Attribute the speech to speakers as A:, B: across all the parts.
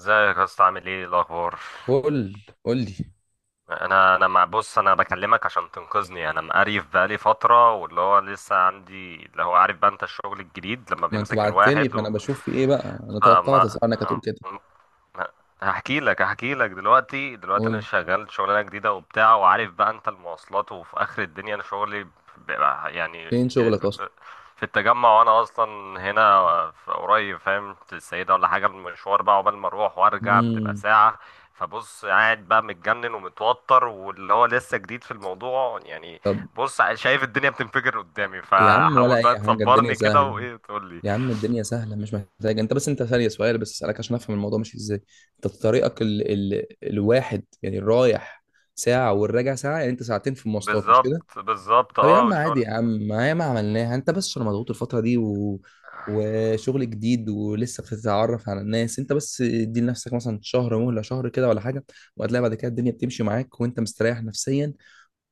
A: ازيك يا اسطى، عامل ايه الاخبار؟
B: قول قول لي.
A: انا انا مع بص، انا بكلمك عشان تنقذني، يعني انا مقريف بقالي فتره، واللي هو لسه عندي اللي هو عارف بقى انت، الشغل الجديد لما
B: ما انت
A: بيمسك
B: بعت لي
A: الواحد
B: فانا
A: و...
B: بشوف في ايه بقى. انا
A: فما
B: توقعت اسالك هتقول كده.
A: لا، هحكي لك هحكي لك دلوقتي دلوقتي، انا
B: قول،
A: شغال شغلانه جديده وبتاع، وعارف بقى انت المواصلات، وفي اخر الدنيا انا شغلي بيبقى يعني
B: فين شغلك اصلا؟
A: في التجمع، وانا اصلا هنا في قريب، فاهم؟ في السيده ولا حاجه، المشوار بقى عقبال ما اروح وارجع بتبقى
B: امم.
A: ساعه. فبص، قاعد بقى متجنن ومتوتر، واللي هو لسه جديد في الموضوع يعني.
B: طب
A: بص، شايف الدنيا بتنفجر قدامي،
B: يا عم، ولا
A: فحاول
B: اي
A: بقى
B: حاجه، الدنيا
A: تصبرني كده،
B: سهله.
A: وايه تقول لي؟
B: يا عم الدنيا سهله، مش محتاج انت بس. انت ثانيه، سؤال بس اسالك عشان افهم الموضوع ماشي ازاي. انت طريقك الواحد يعني الرايح ساعه والراجع ساعه، يعني انت ساعتين في المواصلات، مش كده؟
A: بالظبط بالظبط،
B: طب يا
A: اه،
B: عم عادي
A: والشغل.
B: يا عم، ما هي ما عملناها، انت بس عشان مضغوط الفترة دي وشغل جديد ولسه بتتعرف على الناس. انت بس ادي لنفسك مثلا شهر مهلة، شهر كده ولا حاجة، وهتلاقي بعد كده الدنيا بتمشي معاك وانت مستريح نفسيا.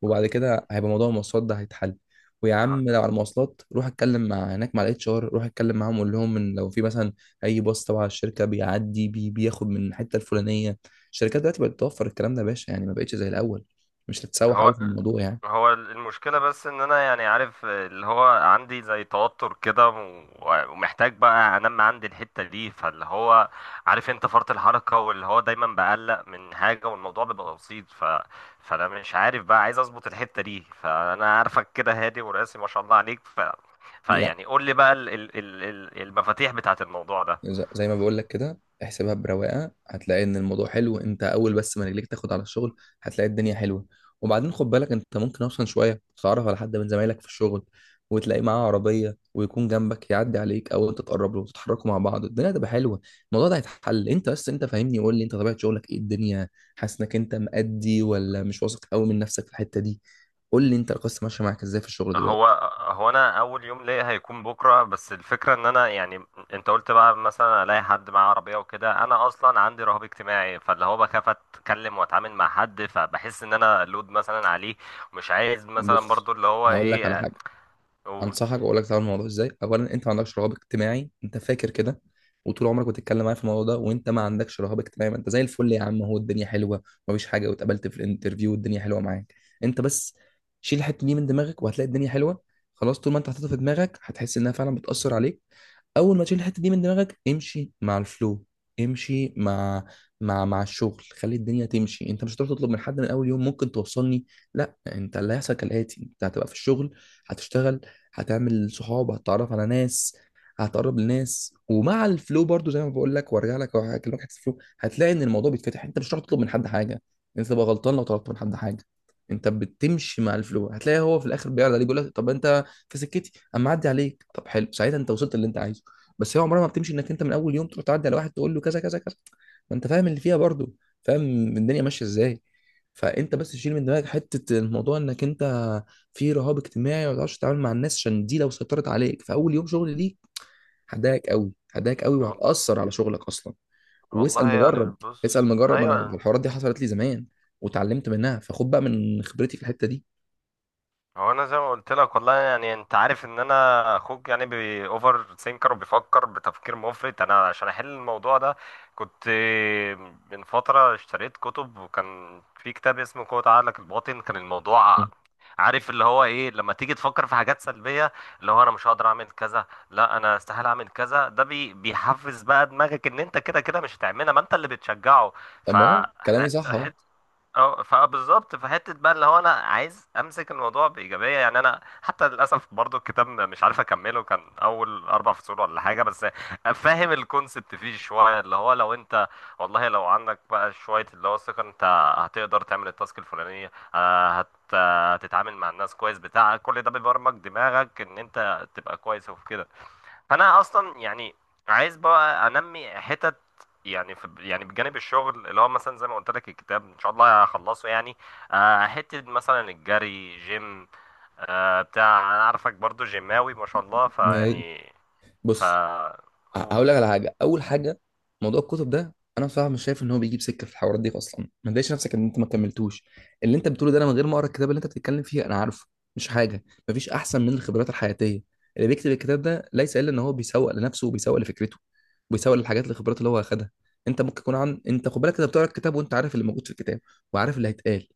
B: وبعد كده هيبقى موضوع المواصلات ده هيتحل. ويا عم لو على المواصلات روح اتكلم مع هناك مع الاتش ار، روح اتكلم معاهم وقول لهم ان لو في مثلا اي باص تبع الشركه بيعدي بياخد من الحته الفلانيه. الشركات دلوقتي بقت توفر الكلام ده يا باشا، يعني ما بقتش زي الاول. مش هتتسوح قوي
A: هو
B: في الموضوع يعني.
A: هو المشكلة، بس ان انا يعني عارف اللي هو عندي زي توتر كده، ومحتاج بقى انمي عندي الحتة دي، فاللي هو عارف انت فرط الحركة، واللي هو دايما بقلق من حاجة والموضوع بيبقى بسيط. فانا مش عارف بقى، عايز اظبط الحتة دي، فانا عارفك كده هادي وراسي ما شاء الله عليك. فيعني قول لي بقى المفاتيح بتاعت الموضوع ده.
B: زي ما بقول لك كده احسبها برواقه، هتلاقي ان الموضوع حلو. انت اول بس ما رجليك تاخد على الشغل هتلاقي الدنيا حلوه. وبعدين خد بالك انت ممكن اصلا شويه تتعرف على حد من زمايلك في الشغل، وتلاقي معاه عربيه ويكون جنبك يعدي عليك، او انت تقرب له وتتحركوا مع بعض، الدنيا هتبقى حلوه. الموضوع ده هيتحل. انت بس انت فاهمني، قول لي انت طبيعه شغلك ايه الدنيا؟ حاسس انك انت مأدي ولا مش واثق قوي من نفسك في الحته دي؟ قول لي انت القصه ماشيه معاك ازاي في الشغل
A: هو
B: دلوقتي؟
A: هو انا اول يوم ليا هيكون بكره، بس الفكره ان انا يعني انت قلت بقى مثلا الاقي حد معاه عربيه وكده، انا اصلا عندي رهاب اجتماعي، فاللي هو بخاف اتكلم واتعامل مع حد، فبحس ان انا لود مثلا عليه، مش عايز مثلا
B: بص،
A: برضو اللي هو
B: هقول لك على
A: ايه.
B: حاجه.
A: اقول
B: انصحك واقول لك تعمل الموضوع ازاي. اولا انت ما عندكش رهاب اجتماعي، انت فاكر كده. وطول عمرك بتتكلم معايا في الموضوع ده وانت ما عندكش رهاب اجتماعي. ما انت زي الفل يا عم، هو الدنيا حلوه مفيش حاجه، واتقابلت في الانترفيو والدنيا حلوه معاك. انت بس شيل الحته دي من دماغك وهتلاقي الدنيا حلوه. خلاص، طول ما انت حاططها في دماغك هتحس انها فعلا بتاثر عليك. اول ما تشيل الحته دي من دماغك امشي مع الفلو. امشي مع مع الشغل، خلي الدنيا تمشي. انت مش هتروح تطلب من حد من اول يوم، ممكن توصلني؟ لا، انت اللي هيحصل كالاتي: انت هتبقى في الشغل، هتشتغل، هتعمل صحاب، هتتعرف على ناس، هتقرب لناس، ومع الفلو برضو زي ما بقول لك، وارجع لك وهكلمك حته الفلو، هتلاقي ان الموضوع بيتفتح. انت مش هتعرف تطلب من حد حاجه. انت تبقى غلطان لو طلبت من حد حاجه. انت بتمشي مع الفلو هتلاقي هو في الاخر بيعرض عليك، بيقول لك طب انت في سكتي اما اعدي عليك؟ طب حلو، ساعتها انت وصلت اللي انت عايزه. بس هي عمرها ما بتمشي انك انت من اول يوم تروح تعدي على واحد تقول له كذا كذا كذا. ما انت فاهم اللي فيها برضو، فاهم الدنيا ماشيه ازاي. فانت بس تشيل من دماغك حته الموضوع انك انت في رهاب اجتماعي ما بتعرفش تتعامل مع الناس، عشان دي لو سيطرت عليك في اول يوم شغل ليك هتضايقك قوي، هتضايقك قوي
A: وال-
B: وهتأثر على شغلك اصلا.
A: والله
B: واسأل
A: يعني،
B: مجرب، اسأل
A: بص،
B: مجرب. انا
A: ايوه.
B: الحوارات دي حصلت لي زمان وتعلمت منها، فخد بقى من خبرتي في الحتة دي.
A: هو انا زي ما قلت لك، والله يعني، انت عارف ان انا اخوك يعني بي اوفر ثينكر، وبيفكر بتفكير مفرط، انا عشان احل الموضوع ده كنت من فتره اشتريت كتب، وكان في كتاب اسمه قوة عقلك الباطن. كان الموضوع
B: مم.
A: عارف اللي هو ايه، لما تيجي تفكر في حاجات سلبيه، اللي هو انا مش هقدر اعمل كذا، لا انا استحيل اعمل كذا، ده بيحفز بقى دماغك ان انت كده كده مش هتعملها، ما انت اللي بتشجعه.
B: طب
A: ف
B: ما هو كلامي صح اهو.
A: اه، فبالظبط في حته بقى، اللي هو انا عايز امسك الموضوع بايجابيه يعني، انا حتى للاسف برضو الكتاب مش عارف اكمله، كان اول 4 فصول ولا حاجه بس. فاهم الكونسبت فيه شويه، اللي هو لو انت، والله لو عندك بقى شويه اللي هو الثقه، انت هتقدر تعمل التاسك الفلانيه، هتتعامل مع الناس كويس بتاع كل ده، بيبرمج دماغك ان انت تبقى كويس، وفي كده. فانا اصلا يعني عايز بقى انمي حتت، يعني في، يعني بجانب الشغل، اللي هو مثلا زي ما قلت لك الكتاب ان شاء الله هخلصه يعني. حته مثلا الجري، جيم. بتاع انا عارفك برضو جيماوي ما شاء الله،
B: ما هي-
A: فيعني. ف
B: بص،
A: قول.
B: هقول لك على حاجه. اول حاجه، موضوع الكتب ده انا بصراحه مش شايف ان هو بيجيب سكه في الحوارات دي اصلا، ما تضايقش نفسك ان انت ما كملتوش. اللي انت بتقوله ده انا من غير ما اقرا الكتاب اللي انت بتتكلم فيه انا عارفه. مش حاجه، مفيش احسن من الخبرات الحياتيه. اللي بيكتب الكتاب ده ليس الا ان هو بيسوق لنفسه وبيسوق لفكرته، وبيسوق للحاجات الخبرات اللي هو اخدها. انت ممكن يكون عن، انت خد بالك انت بتقرا الكتاب وانت عارف اللي موجود في الكتاب وعارف اللي هيتقال.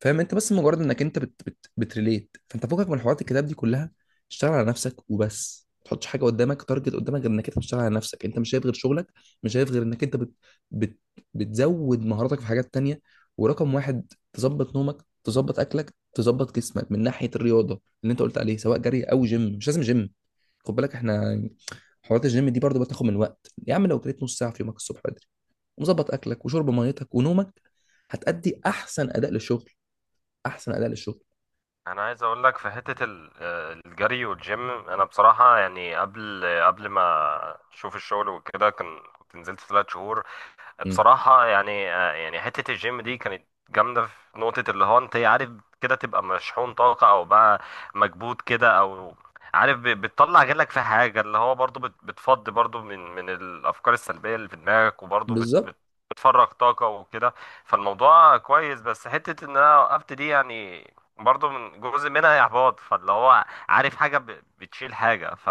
B: فاهم؟ انت بس مجرد انك انت بت بت بتريليت، فانت فوقك من حوارات الكتاب دي كلها. اشتغل على نفسك وبس، ما تحطش حاجه قدامك، تارجت قدامك غير انك انت بتشتغل على نفسك. انت مش شايف غير شغلك، مش شايف غير انك انت بت بت بتزود مهاراتك في حاجات تانية. ورقم واحد تظبط نومك، تظبط اكلك، تظبط جسمك من ناحيه الرياضه اللي انت قلت عليه، سواء جري او جيم. مش لازم جيم، خد بالك احنا حوارات الجيم دي برضو بتاخد من وقت يا عم. لو جريت نص ساعه في يومك الصبح بدري ومظبط اكلك وشرب ميتك ونومك، هتأدي احسن اداء للشغل، احسن اداء للشغل.
A: انا عايز اقول لك في حته الجري والجيم، انا بصراحه يعني قبل ما اشوف الشغل وكده، كنت نزلت 3 شهور.
B: مم.
A: بصراحة يعني يعني حتة الجيم دي كانت جامدة في نقطة، اللي هو انت عارف كده تبقى مشحون طاقة، او بقى مكبوت كده، او عارف بتطلع غلك في حاجة، اللي هو برضو بتفضي برضو من الافكار السلبية اللي في دماغك، وبرضو
B: بالظبط.
A: بتفرغ طاقة وكده. فالموضوع كويس، بس حتة ان انا وقفت دي يعني، برضو من جزء منها احباط، فاللي هو عارف حاجة بتشيل حاجة.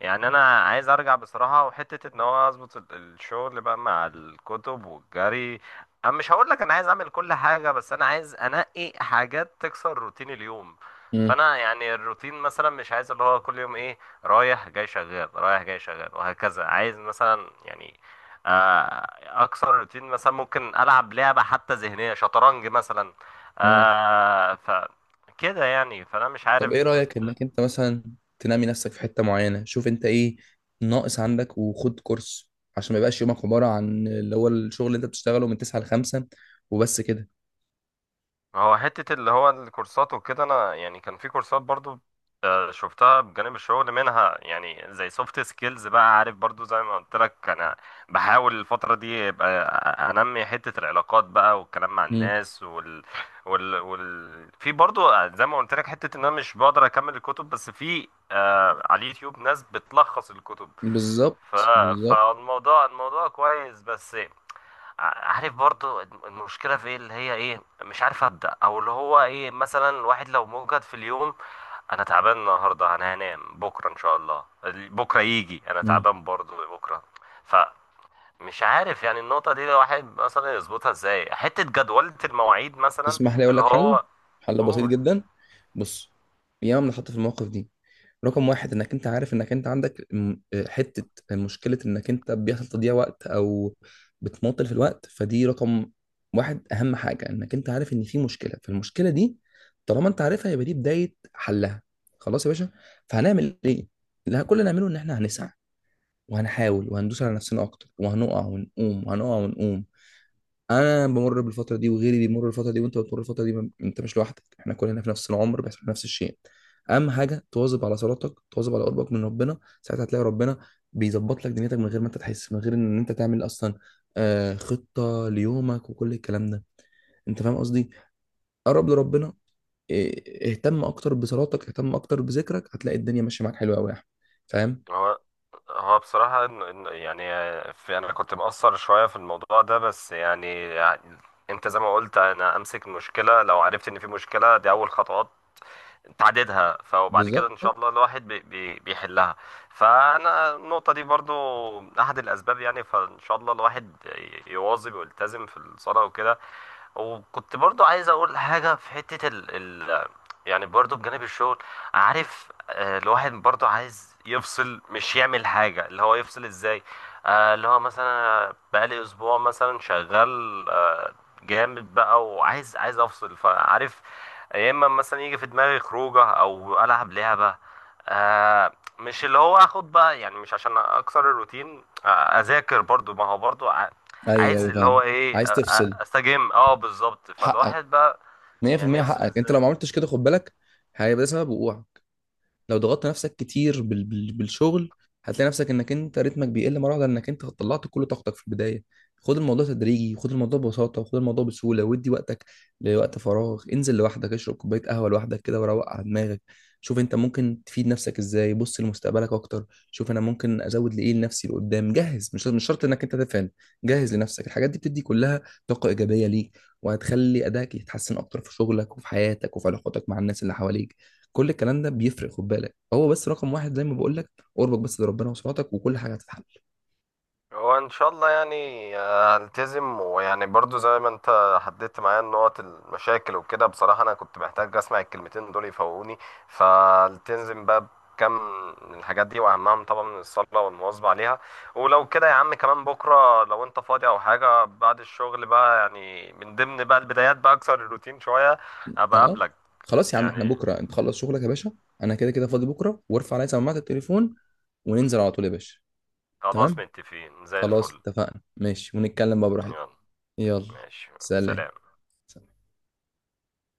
A: يعني انا عايز ارجع بصراحه، وحته ان هو اظبط الشغل بقى مع الكتب والجري. انا مش هقول لك انا عايز اعمل كل حاجه، بس انا عايز انقي حاجات تكسر روتين اليوم.
B: مم.
A: فانا يعني الروتين مثلا مش عايز اللي هو كل يوم ايه، رايح جاي شغال، رايح جاي شغال، وهكذا. عايز مثلا يعني آه، اكسر روتين، مثلا ممكن العب لعبه حتى ذهنيه، شطرنج مثلا.
B: مم.
A: ف كده يعني، فانا مش
B: طب
A: عارف.
B: ايه رايك انك انت مثلا تنمي نفسك في حته معينه؟ شوف انت ايه ناقص عندك وخد كورس، عشان ما يبقاش يومك عباره عن اللي هو الشغل اللي انت بتشتغله من 9 ل 5 وبس كده.
A: هو حتة اللي هو الكورسات وكده، أنا يعني كان في كورسات برضو شفتها بجانب الشغل، منها يعني زي سوفت سكيلز بقى، عارف برضو زي ما قلت لك. أنا بحاول الفترة دي يبقى أنمي حتة العلاقات بقى والكلام مع
B: مم.
A: الناس، في برضو زي ما قلت لك حتة إن أنا مش بقدر أكمل الكتب، بس في على اليوتيوب ناس بتلخص الكتب. ف...
B: بالظبط بالظبط.
A: فالموضوع كويس، بس عارف برضو المشكلة في ايه، اللي هي ايه مش عارف أبدأ، او اللي هو ايه مثلا الواحد لو موجد في اليوم، انا تعبان النهاردة انا هنام بكرة ان شاء الله، بكرة يجي انا
B: مم.
A: تعبان برضو بكرة، فمش عارف يعني النقطة دي الواحد مثلا يظبطها ازاي، حتة جدولة المواعيد مثلا
B: تسمح لي اقول
A: اللي
B: لك حل؟
A: هو.
B: حل بسيط
A: قول.
B: جدا. بص، ياما بنتحط في المواقف دي. رقم واحد، انك انت عارف انك انت عندك حتة مشكلة، انك انت بيحصل تضييع وقت او بتمطل في الوقت، فدي رقم واحد. اهم حاجة انك انت عارف ان في مشكلة، فالمشكلة دي طالما انت عارفها يبقى دي بداية حلها. خلاص يا باشا، فهنعمل ايه؟ لا، كل اللي هنعمله ان احنا هنسعى وهنحاول وهندوس على نفسنا اكتر، وهنقع ونقوم وهنقع ونقوم. انا بمر بالفتره دي وغيري بيمر بالفتره دي وانت بتمر بالفتره دي. انت مش لوحدك، احنا كلنا في نفس العمر بيحصل نفس الشيء. اهم حاجه تواظب على صلاتك، تواظب على قربك من ربنا، ساعتها هتلاقي ربنا بيظبط لك دنيتك من غير ما انت تحس، من غير ان انت تعمل اصلا خطه ليومك وكل الكلام ده. انت فاهم قصدي؟ قرب لربنا. اهتم اكتر بصلاتك، اهتم اكتر بذكرك، هتلاقي الدنيا ماشيه معاك حلوه قوي يا احمد. فاهم؟
A: هو هو بصراحة يعني في، أنا كنت مقصر شوية في الموضوع ده، بس يعني أنت زي ما قلت، أنا أمسك المشكلة لو عرفت إن في مشكلة، دي أول خطوات تعددها، فوبعد كده إن شاء
B: بالظبط.
A: الله الواحد بي بي بيحلها. فأنا النقطة دي برضو أحد الأسباب يعني، فإن شاء الله الواحد يواظب ويلتزم في الصلاة وكده. وكنت برضو عايز اقول حاجة في حتة يعني برضو بجانب الشغل، عارف الواحد برضو عايز يفصل، مش يعمل حاجة، اللي هو يفصل ازاي. اللي هو مثلا بقالي اسبوع مثلا شغال جامد بقى، وعايز افصل فعارف. يا اما مثلا يجي في دماغي خروجه، او العب لعبه. آه مش اللي هو اخد بقى، يعني مش عشان اكسر الروتين. اذاكر برضو، ما هو برضو
B: ايوه
A: عايز
B: ايوه
A: اللي هو
B: فاهم.
A: ايه،
B: عايز تفصل؟
A: استجم، اه، بالظبط،
B: حقك.
A: فالواحد بقى يعني
B: 100%
A: يفصل.
B: حقك. انت لو ما عملتش كده خد بالك هيبقى ده سبب وقوعك. لو ضغطت نفسك كتير بالشغل هتلاقي نفسك انك انت رتمك بيقل مره واحده، لانك انت طلعت كل طاقتك في البدايه. خد الموضوع تدريجي، خد الموضوع ببساطه، وخد الموضوع بسهوله، وادي وقتك لوقت فراغ. انزل لوحدك، اشرب كوبايه قهوه لوحدك كده وروق على دماغك. شوف انت ممكن تفيد نفسك ازاي. بص لمستقبلك اكتر، شوف انا ممكن ازود لايه لنفسي لقدام، جهز. مش مش شرط انك انت تفهم. جهز لنفسك الحاجات دي بتدي كلها طاقه ايجابيه ليك، وهتخلي ادائك يتحسن اكتر في شغلك وفي حياتك وفي علاقاتك مع الناس اللي حواليك. كل الكلام ده بيفرق خد بالك. هو بس رقم واحد زي ما بقول لك، قربك بس لربنا وصلاتك وكل حاجه هتتحل.
A: هو ان شاء الله يعني، هلتزم، ويعني برضو زي ما انت حددت معايا النقط المشاكل وكده، بصراحة انا كنت محتاج اسمع الكلمتين دول يفوقوني. فالتزم بقى بكم من الحاجات دي، واهمهم طبعا الصلاة والمواظبة عليها. ولو كده يا عم، كمان بكرة لو انت فاضي او حاجة بعد الشغل بقى، يعني من ضمن بقى البدايات بقى، اكسر الروتين شوية، ابقى
B: اه،
A: اقابلك
B: خلاص يا عم، احنا
A: يعني.
B: بكره انت خلص شغلك يا باشا. انا كده كده فاضي بكره، وارفع عليا سماعه التليفون وننزل على طول يا باشا.
A: خلاص،
B: تمام،
A: متفقين زي
B: خلاص
A: الفل.
B: اتفقنا، ماشي، ونتكلم بقى براحتك.
A: يلا،
B: يلا.
A: ماشي،
B: سلام.
A: سلام.